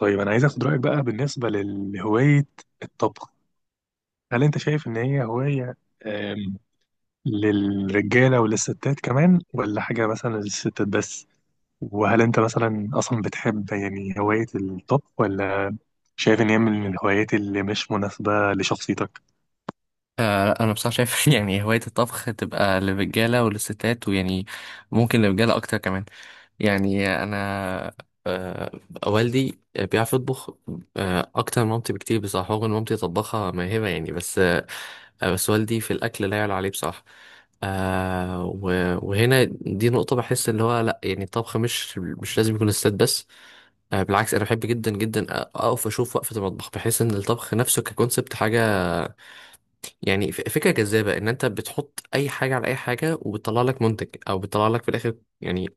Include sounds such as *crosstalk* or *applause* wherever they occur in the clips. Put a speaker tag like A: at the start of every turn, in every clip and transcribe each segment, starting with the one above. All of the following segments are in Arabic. A: طيب، انا عايز اخد رايك بقى بالنسبه لهوايه الطبخ. هل انت شايف ان هي هوايه آم، للرجاله وللستات كمان، ولا حاجه مثلا للستات بس؟ وهل انت مثلا اصلا بتحب هوايه الطبخ، ولا شايف ان هي من الهوايات اللي مش مناسبه لشخصيتك؟
B: لا، انا بصراحه شايف *laughs* يعني هوايه الطبخ تبقى للرجاله وللستات، ويعني ممكن للرجاله اكتر كمان. يعني انا، آه، والدي بيعرف يطبخ، اكتر من مامتي بكتير بصراحه، رغم ان مامتي طباخه ماهره يعني. بس بس والدي في الاكل لا يعلى عليه بصراحه. وهنا دي نقطه، بحس اللي هو لا، يعني الطبخ مش لازم يكون للستات بس. بالعكس، انا بحب جدا جدا اقف اشوف وقفه المطبخ. بحس ان الطبخ نفسه ككونسبت حاجه، يعني فكرة جذابة، ان انت بتحط اي حاجة على اي حاجة وبتطلع لك منتج، او بتطلع لك في الاخر يعني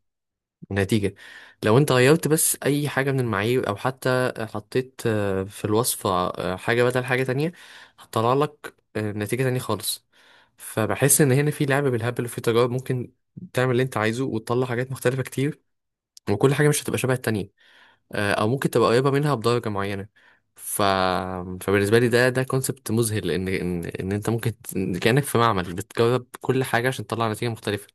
B: نتيجة. لو انت غيرت بس اي حاجة من المعايير، او حتى حطيت في الوصفة حاجة بدل حاجة تانية، هتطلع لك نتيجة تانية خالص. فبحس ان هنا في لعب بالهبل وفي تجارب، ممكن تعمل اللي انت عايزه وتطلع حاجات مختلفة كتير، وكل حاجة مش هتبقى شبه التانية، او ممكن تبقى قريبه منها بدرجه معينه. ف... فبالنسبه لي، ده كونسبت مذهل، ان انت ممكن كانك في معمل بتجرب كل حاجه عشان تطلع نتيجه مختلفه.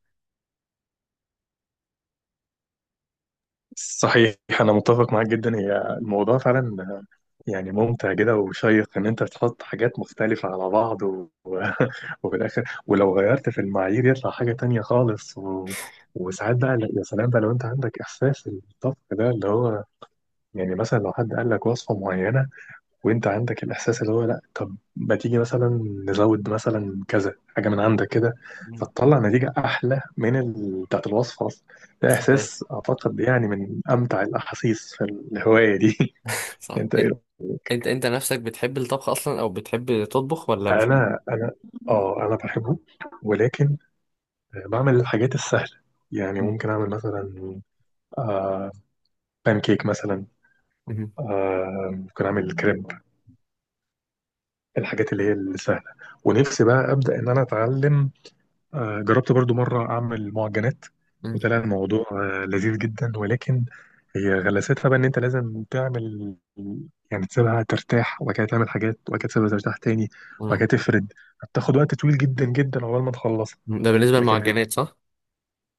A: صحيح، أنا متفق معاك جدا. هي الموضوع فعلا يعني ممتع كده وشيق، إن أنت تحط حاجات مختلفة على بعض *laughs* وفي الآخر ولو غيرت في المعايير يطلع حاجة تانية خالص، وساعات بقى يا سلام بقى لو أنت عندك إحساس الطبخ ده اللي هو يعني، مثلا لو حد قال لك وصفة معينة وانت عندك الاحساس اللي هو لا، طب ما تيجي مثلا نزود مثلا كذا حاجه من عندك كده،
B: مم.
A: فتطلع نتيجه احلى من بتاعت الوصفه اصلا. ده
B: طيب.
A: احساس اعتقد يعني من امتع الاحاسيس في الهوايه دي. *laughs*
B: صح.
A: انت ايه رأيك؟
B: انت نفسك بتحب الطبخ اصلا، او بتحب تطبخ ولا مش؟
A: انا اه انا بحبه، ولكن بعمل الحاجات السهله. يعني
B: مم.
A: ممكن اعمل مثلا آه بان كيك مثلا،
B: مم.
A: ممكن اعمل كريب، الحاجات اللي هي السهله. ونفسي بقى ابدا ان انا اتعلم. جربت برضو مرة أعمل معجنات،
B: مم.
A: وطلع الموضوع لذيذ جدا، ولكن هي غلاساتها بقى إن أنت لازم تعمل، يعني تسيبها ترتاح وبعد كده تعمل حاجات وبعد كده تسيبها ترتاح تاني وبعد
B: مم.
A: كده تفرد. بتاخد وقت طويل جدا جدا عقبال ما تخلصها.
B: ده بالنسبه
A: لكن
B: للمعجنات، صح؟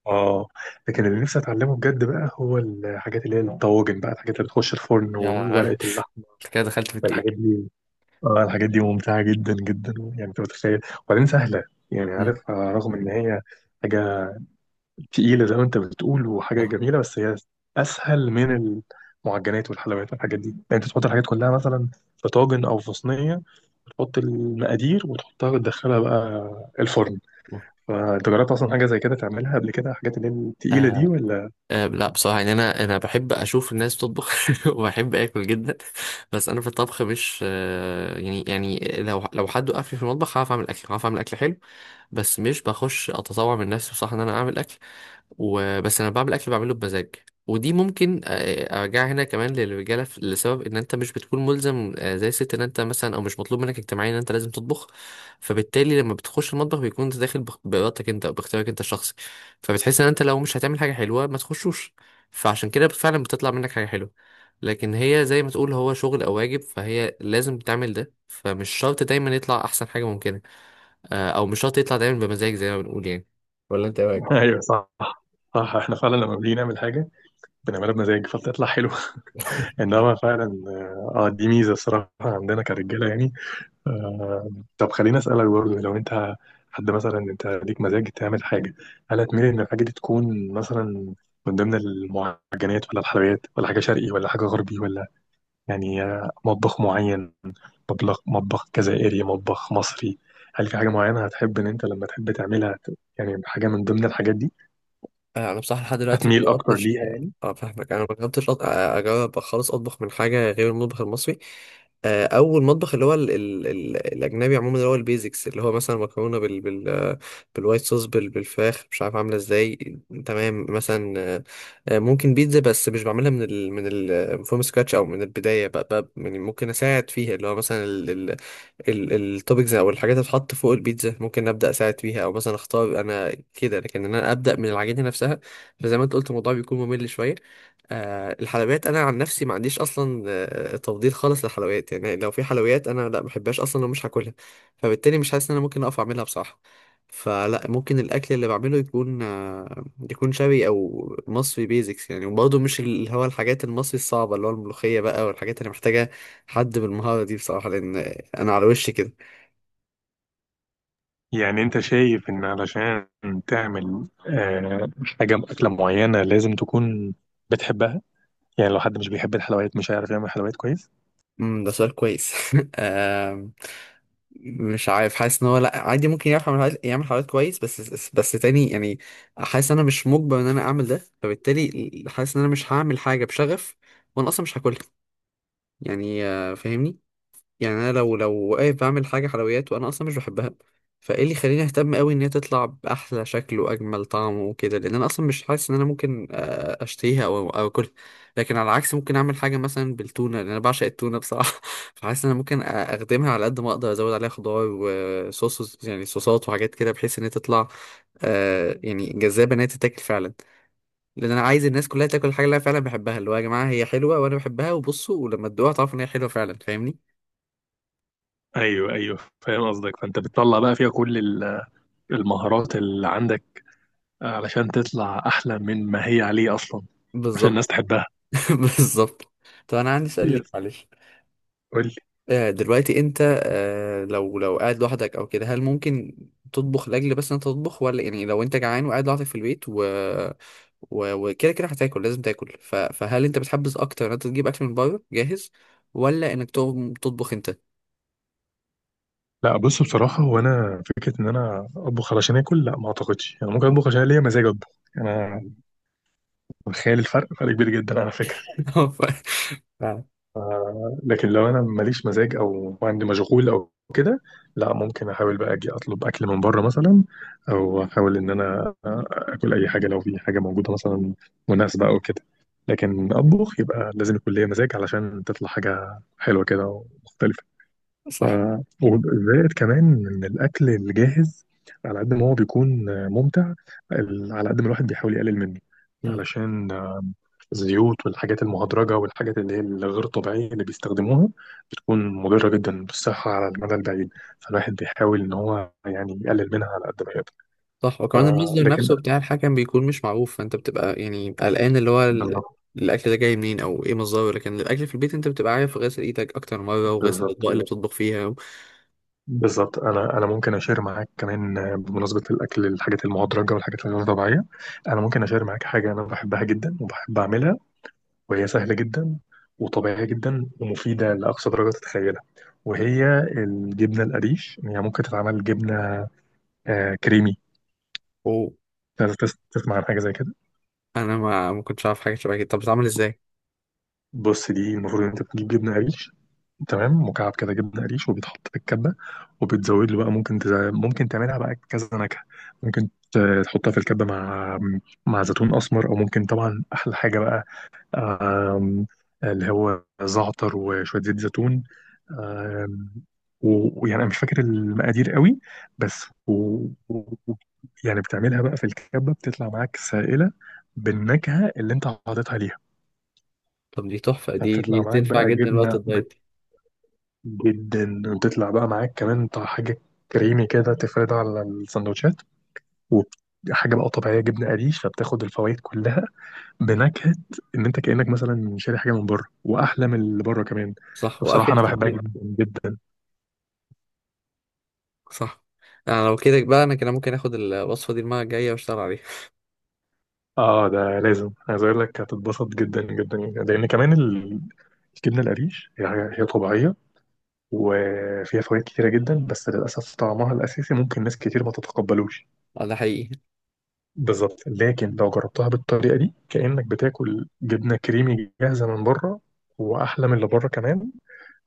A: آه
B: مم.
A: لكن اللي نفسي أتعلمه بجد بقى هو الحاجات اللي هي الطواجن بقى، الحاجات اللي بتخش الفرن
B: يا *laughs*
A: وورقة اللحمة.
B: كده دخلت في التقيل.
A: الحاجات دي، الحاجات دي ممتعة جدا جدا، يعني أنت متخيل. وبعدين سهلة. يعني
B: مم.
A: عارف، رغم إن هي حاجة تقيلة زي ما أنت بتقول وحاجة جميلة، بس هي أسهل من المعجنات والحلويات والحاجات دي. يعني أنت تحط الحاجات كلها مثلا في طاجن أو في صينية، وتحط المقادير وتحطها وتدخلها بقى الفرن. فأنت جربت أصلا حاجة زي كده تعملها قبل كده، الحاجات اللي هي التقيلة
B: آه،
A: دي ولا؟
B: أه، لا، بصراحة يعني أنا بحب أشوف الناس بتطبخ، *laughs* وبحب آكل جدا. بس أنا في الطبخ مش، يعني، لو حد وقفني في المطبخ هعرف أعمل أكل، هعرف أعمل أكل حلو. بس مش بخش أتطوع من نفسي بصراحة إن أنا أعمل أكل، وبس أنا بعمل أكل بعمله بمزاج. ودي ممكن أرجع هنا كمان للرجالة، لسبب إن أنت مش بتكون ملزم زي الست، إن أنت مثلا، أو مش مطلوب منك اجتماعيا إن أنت لازم تطبخ. فبالتالي لما بتخش المطبخ، بيكون أنت داخل بإرادتك أنت، أو باختيارك أنت الشخصي. فبتحس ان انت لو مش هتعمل حاجه حلوه ما تخشوش، فعشان كده فعلا بتطلع منك حاجه حلوه. لكن هي زي ما تقول، هو شغل او واجب، فهي لازم تعمل ده، فمش شرط دايما يطلع احسن حاجه ممكنه، او مش شرط يطلع دايما بمزاج زي ما بنقول يعني. ولا انت ايه
A: *laughs*
B: رايك؟
A: أيوه صح، صح. احنا فعلا لما بنيجي نعمل حاجة بنعملها بمزاج فبتطلع حلوة. *laughs* إنما فعلا اه، دي ميزة الصراحة عندنا كرجالة يعني. آه، طب خليني اسالك برضه، لو انت حد مثلا انت ليك مزاج تعمل حاجه، هل هتميل ان الحاجه دي تكون مثلا من ضمن المعجنات ولا الحلويات، ولا حاجه شرقي ولا حاجه غربي، ولا يعني آه، مطبخ معين؟ مطبخ جزائري، مطبخ مصري؟ هل في حاجه معينه هتحب ان انت لما تحب تعملها يعني حاجه من ضمن الحاجات دي
B: انا بصراحه لحد دلوقتي ما
A: هتميل اكتر
B: جربتش.
A: ليها يعني؟
B: اه، فاهمك. انا ما جربتش اجرب خالص اطبخ من حاجه غير المطبخ المصري. اول مطبخ اللي هو ال الاجنبي عموما، اللي هو البيزكس، اللي هو مثلا مكرونه بالوايت صوص بالفراخ، مش عارف عامله ازاي. تمام مثلا. ممكن بيتزا، بس مش بعملها من ال فروم سكراتش، او من البدايه بقى يعني، ممكن اساعد فيها اللي هو مثلا التوبكس، او الحاجات اللي بتتحط فوق البيتزا ممكن ابدا اساعد فيها، او مثلا اختار انا كده، لكن إن انا ابدا من العجينه نفسها فزي ما انت قلت، الموضوع بيكون ممل شويه. الحلويات انا عن نفسي ما عنديش اصلا تفضيل خالص للحلويات، يعني لو في حلويات انا لا، ما بحبهاش اصلا ومش هاكلها، فبالتالي مش حاسس ان انا ممكن اقف اعملها بصراحه. فلا، ممكن الاكل اللي بعمله يكون، يكون شبي او مصري بيزكس يعني، وبرضه مش اللي هو الحاجات المصري الصعبه، اللي هو الملوخيه بقى والحاجات اللي محتاجه حد بالمهاره دي بصراحه، لان انا على وشي كده.
A: يعني انت شايف ان علشان تعمل حاجه اكله معينه لازم تكون بتحبها؟ يعني لو حد مش بيحب الحلويات مش هيعرف يعمل حلويات كويس؟
B: ده سؤال كويس. *laughs* آم، مش عارف، حاسس ان هو لا، عادي ممكن يعرف يعمل حاجات، يعمل حاجات كويس، بس. بس تاني يعني، حاسس ان انا مش مجبر ان انا اعمل ده، فبالتالي حاسس ان انا مش هعمل حاجه بشغف وانا اصلا مش هاكلها. يعني فاهمني. يعني انا لو واقف بعمل حاجه حلويات وانا اصلا مش بحبها، فايه اللي يخليني اهتم قوي ان هي تطلع باحلى شكل واجمل طعم وكده، لان انا اصلا مش حاسس ان انا ممكن اشتهيها او اكلها. لكن على العكس، ممكن اعمل حاجه مثلا بالتونه، لان انا بعشق التونه بصراحه. *laughs* فحاسس ان انا ممكن اخدمها على قد ما اقدر، ازود عليها خضار وصوص يعني، صوصات وحاجات كده، بحيث ان هي تطلع، يعني جذابه، ان هي تتاكل فعلا. لان انا عايز الناس كلها تاكل الحاجه اللي انا فعلا بحبها، اللي هو يا جماعه هي حلوه وانا بحبها، وبصوا ولما تدوقها تعرفوا ان هي حلوه فعلا، فاهمني؟
A: ايوه ايوه، فاهم قصدك. فانت بتطلع بقى فيها كل المهارات اللي عندك علشان تطلع احلى من ما هي عليه اصلا، عشان الناس
B: بالظبط.
A: تحبها.
B: *laughs* بالظبط. طب انا عندي سؤال ليك،
A: يس،
B: معلش.
A: قول لي.
B: دلوقتي انت، لو قاعد لوحدك او كده، هل ممكن تطبخ لاجل بس انت تطبخ، ولا يعني لو انت جعان وقاعد لوحدك في البيت وكده هتاكل، لازم تاكل، فهل انت بتحبذ اكتر ان انت تجيب اكل من بره جاهز، ولا انك تقوم تطبخ انت؟
A: لا، بص، بصراحة هو أنا فكرة إن أنا أطبخ علشان آكل، لا ما أعتقدش. يعني ممكن أطبخ عشان ليا مزاج أطبخ. أنا متخيل الفرق فرق كبير جدا على فكرة.
B: *laughs* ف... فعلا،
A: لكن لو انا ماليش مزاج او عندي مشغول او كده، لا ممكن احاول بقى اجي اطلب اكل من بره مثلا، او احاول ان انا اكل اي حاجه لو في حاجه موجوده مثلا مناسبه او كده. لكن اطبخ يبقى لازم يكون ليا مزاج علشان تطلع حاجه حلوه كده ومختلفه. ف...
B: صح.
A: وزائد كمان ان الاكل الجاهز على قد ما هو بيكون ممتع، على قد ما الواحد بيحاول يقلل منه، علشان الزيوت والحاجات المهدرجة والحاجات اللي هي الغير طبيعية اللي بيستخدموها بتكون مضرة جدا بالصحة على المدى البعيد. فالواحد بيحاول إن هو يعني يقلل منها على قد ما يقدر.
B: صح، وكمان المصدر
A: لكن
B: نفسه بتاع الحكم بيكون مش معروف، فانت بتبقى يعني قلقان، اللي هو
A: بالظبط،
B: الاكل ده جاي منين او ايه مصدره، لكن الاكل في البيت انت بتبقى عارف غسل ايدك اكتر مره، وغسل
A: بالظبط،
B: الاطباق اللي
A: بالظبط
B: بتطبخ فيها.
A: بالظبط. أنا ممكن أشير معاك كمان، بمناسبة الأكل الحاجات المهدرجة والحاجات الغير طبيعية، أنا ممكن أشير معاك حاجة أنا بحبها جدا وبحب أعملها، وهي سهلة جدا وطبيعية جدا ومفيدة لأقصى درجة تتخيلها. وهي الجبنة القريش. هي يعني ممكن تتعمل جبنة كريمي.
B: وانا
A: أنت تسمع عن حاجه زي كده؟
B: ما كنتش عارف حاجه شبه كده، طب بتتعمل ازاي؟
A: بص، دي المفروض ان انت بتجيب جبنه قريش، تمام، مكعب كده جبنه قريش، وبيتحط في الكبه، وبتزود له بقى، ممكن ممكن تعملها بقى كذا نكهه. ممكن تحطها في الكبه مع زيتون اسمر، او ممكن طبعا احلى حاجه بقى، آم، اللي هو زعتر وشويه زيت زيتون. آم، ويعني انا مش فاكر المقادير قوي، بس و... و... يعني بتعملها بقى في الكبه، بتطلع معاك سائله بالنكهه اللي انت حاططها ليها.
B: طب دي تحفه، دي
A: هتطلع
B: دي
A: معاك
B: تنفع
A: بقى
B: جدا وقت
A: جبنة
B: الدايت.
A: جدا، وتطلع بقى معاك كمان بتاع حاجة كريمي كده تفردها على السندوتشات، وحاجة بقى طبيعية جبنة قريش، فبتاخد الفوائد كلها بنكهة، إن أنت كأنك مثلا شاري حاجة من بره، وأحلى من اللي بره كمان.
B: صح،
A: فبصراحة
B: وافيد
A: أنا بحبها
B: كتير.
A: جدا جدا.
B: صح. انا لو كده بقى، انا كده ممكن اخد الوصفه دي المره الجايه واشتغل عليها.
A: آه ده لازم، عايز أقول لك هتتبسط جدا جدا، لأن كمان الجبنة القريش هي هي طبيعية وفيها فوائد كتيرة جدا، بس للأسف طعمها الأساسي ممكن ناس كتير ما تتقبلوش.
B: ده حقيقي.
A: بالظبط، لكن لو جربتها بالطريقه دي كانك بتاكل جبنه كريمي جاهزه من بره، واحلى من اللي بره كمان،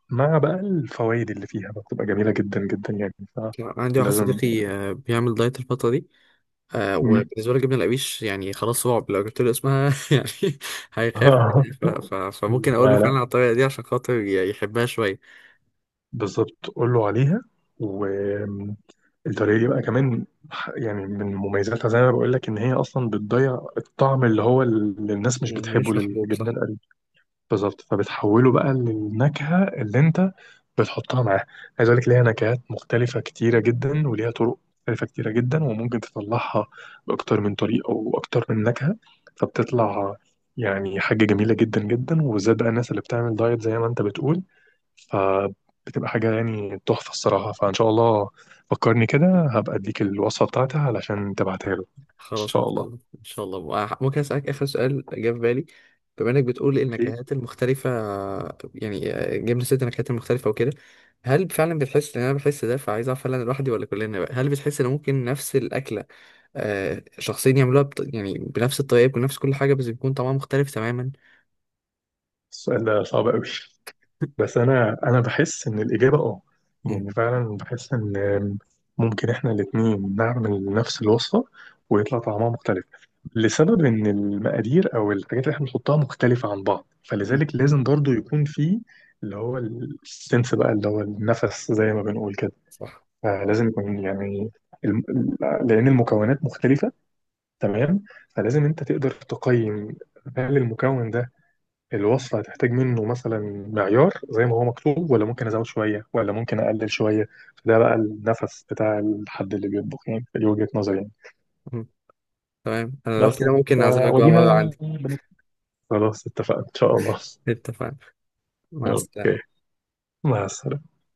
A: مع بقى الفوائد اللي فيها بقى، بتبقى جميله جدا جدا يعني.
B: عندي واحد
A: فلازم.
B: صديقي بيعمل دايت الفتره دي.
A: مم.
B: وبالنسبة لي، جبنة القريش يعني خلاص، صعب لو جبت له اسمها *laughs* يعني هيخاف مني،
A: *laughs*
B: فممكن أقول له
A: لا
B: فعلا
A: لا،
B: على الطريقة دي، عشان خاطر يحبها شوية.
A: بالظبط قول له عليها. والطريقه دي بقى كمان يعني من مميزاتها، زي ما بقول لك، ان هي اصلا بتضيع الطعم اللي هو اللي الناس مش
B: يعني
A: بتحبه
B: مش محبوب، صح.
A: للجبنه. بالظبط، فبتحوله بقى للنكهة اللي انت بتحطها معاه. عايز اقول لك، ليها نكهات مختلفة كتيرة جدا وليها طرق مختلفة كتيرة جدا، وممكن تطلعها بأكتر من طريقة وأكتر من نكهة. فبتطلع يعني حاجة جميلة جدا جدا، وبالذات بقى الناس اللي بتعمل دايت زي ما انت بتقول، فبتبقى حاجة يعني تحفة الصراحة. فإن شاء الله فكرني كده، هبقى اديك الوصفة بتاعتها علشان تبعتها له إن
B: خلاص، إن
A: شاء
B: شاء الله
A: الله.
B: إن شاء الله. ممكن أسألك آخر سؤال جه في بالي؟ بما إنك بتقول
A: أكيد.
B: النكهات المختلفة، يعني جبنا ست نكهات المختلفة وكده، هل فعلا بتحس إن أنا بحس ده، فعايز أعرف هل أنا لوحدي ولا كلنا بقى. هل بتحس إن ممكن نفس الأكلة شخصين يعملوها يعني بنفس الطريقة، بنفس كل حاجة، بس بيكون طعمها مختلف تماما؟
A: السؤال ده صعب قوي، بس انا بحس ان الاجابه اه، يعني فعلا بحس ان ممكن احنا الاثنين نعمل نفس الوصفه ويطلع طعمها مختلف، لسبب ان المقادير او الحاجات اللي احنا بنحطها مختلفه عن بعض.
B: مم.
A: فلذلك لازم برضو يكون في اللي هو السنس بقى، اللي هو النفس زي ما بنقول كده.
B: صح.
A: فلازم يكون يعني الم... لان المكونات مختلفه، تمام؟ فلازم انت تقدر تقيم، هل المكون ده الوصفة هتحتاج منه مثلا معيار زي ما هو مكتوب، ولا ممكن أزود شوية، ولا ممكن أقلل شوية؟ فده بقى النفس بتاع الحد اللي بيطبخ، يعني دي وجهة نظري يعني.
B: مم. تمام، انا لو
A: بس
B: كده ممكن اعزمك بقى مرة
A: ودينا،
B: عندي.
A: خلاص اتفقنا إن شاء الله.
B: اتفقنا. مع السلامة.
A: أوكي، مع السلامة.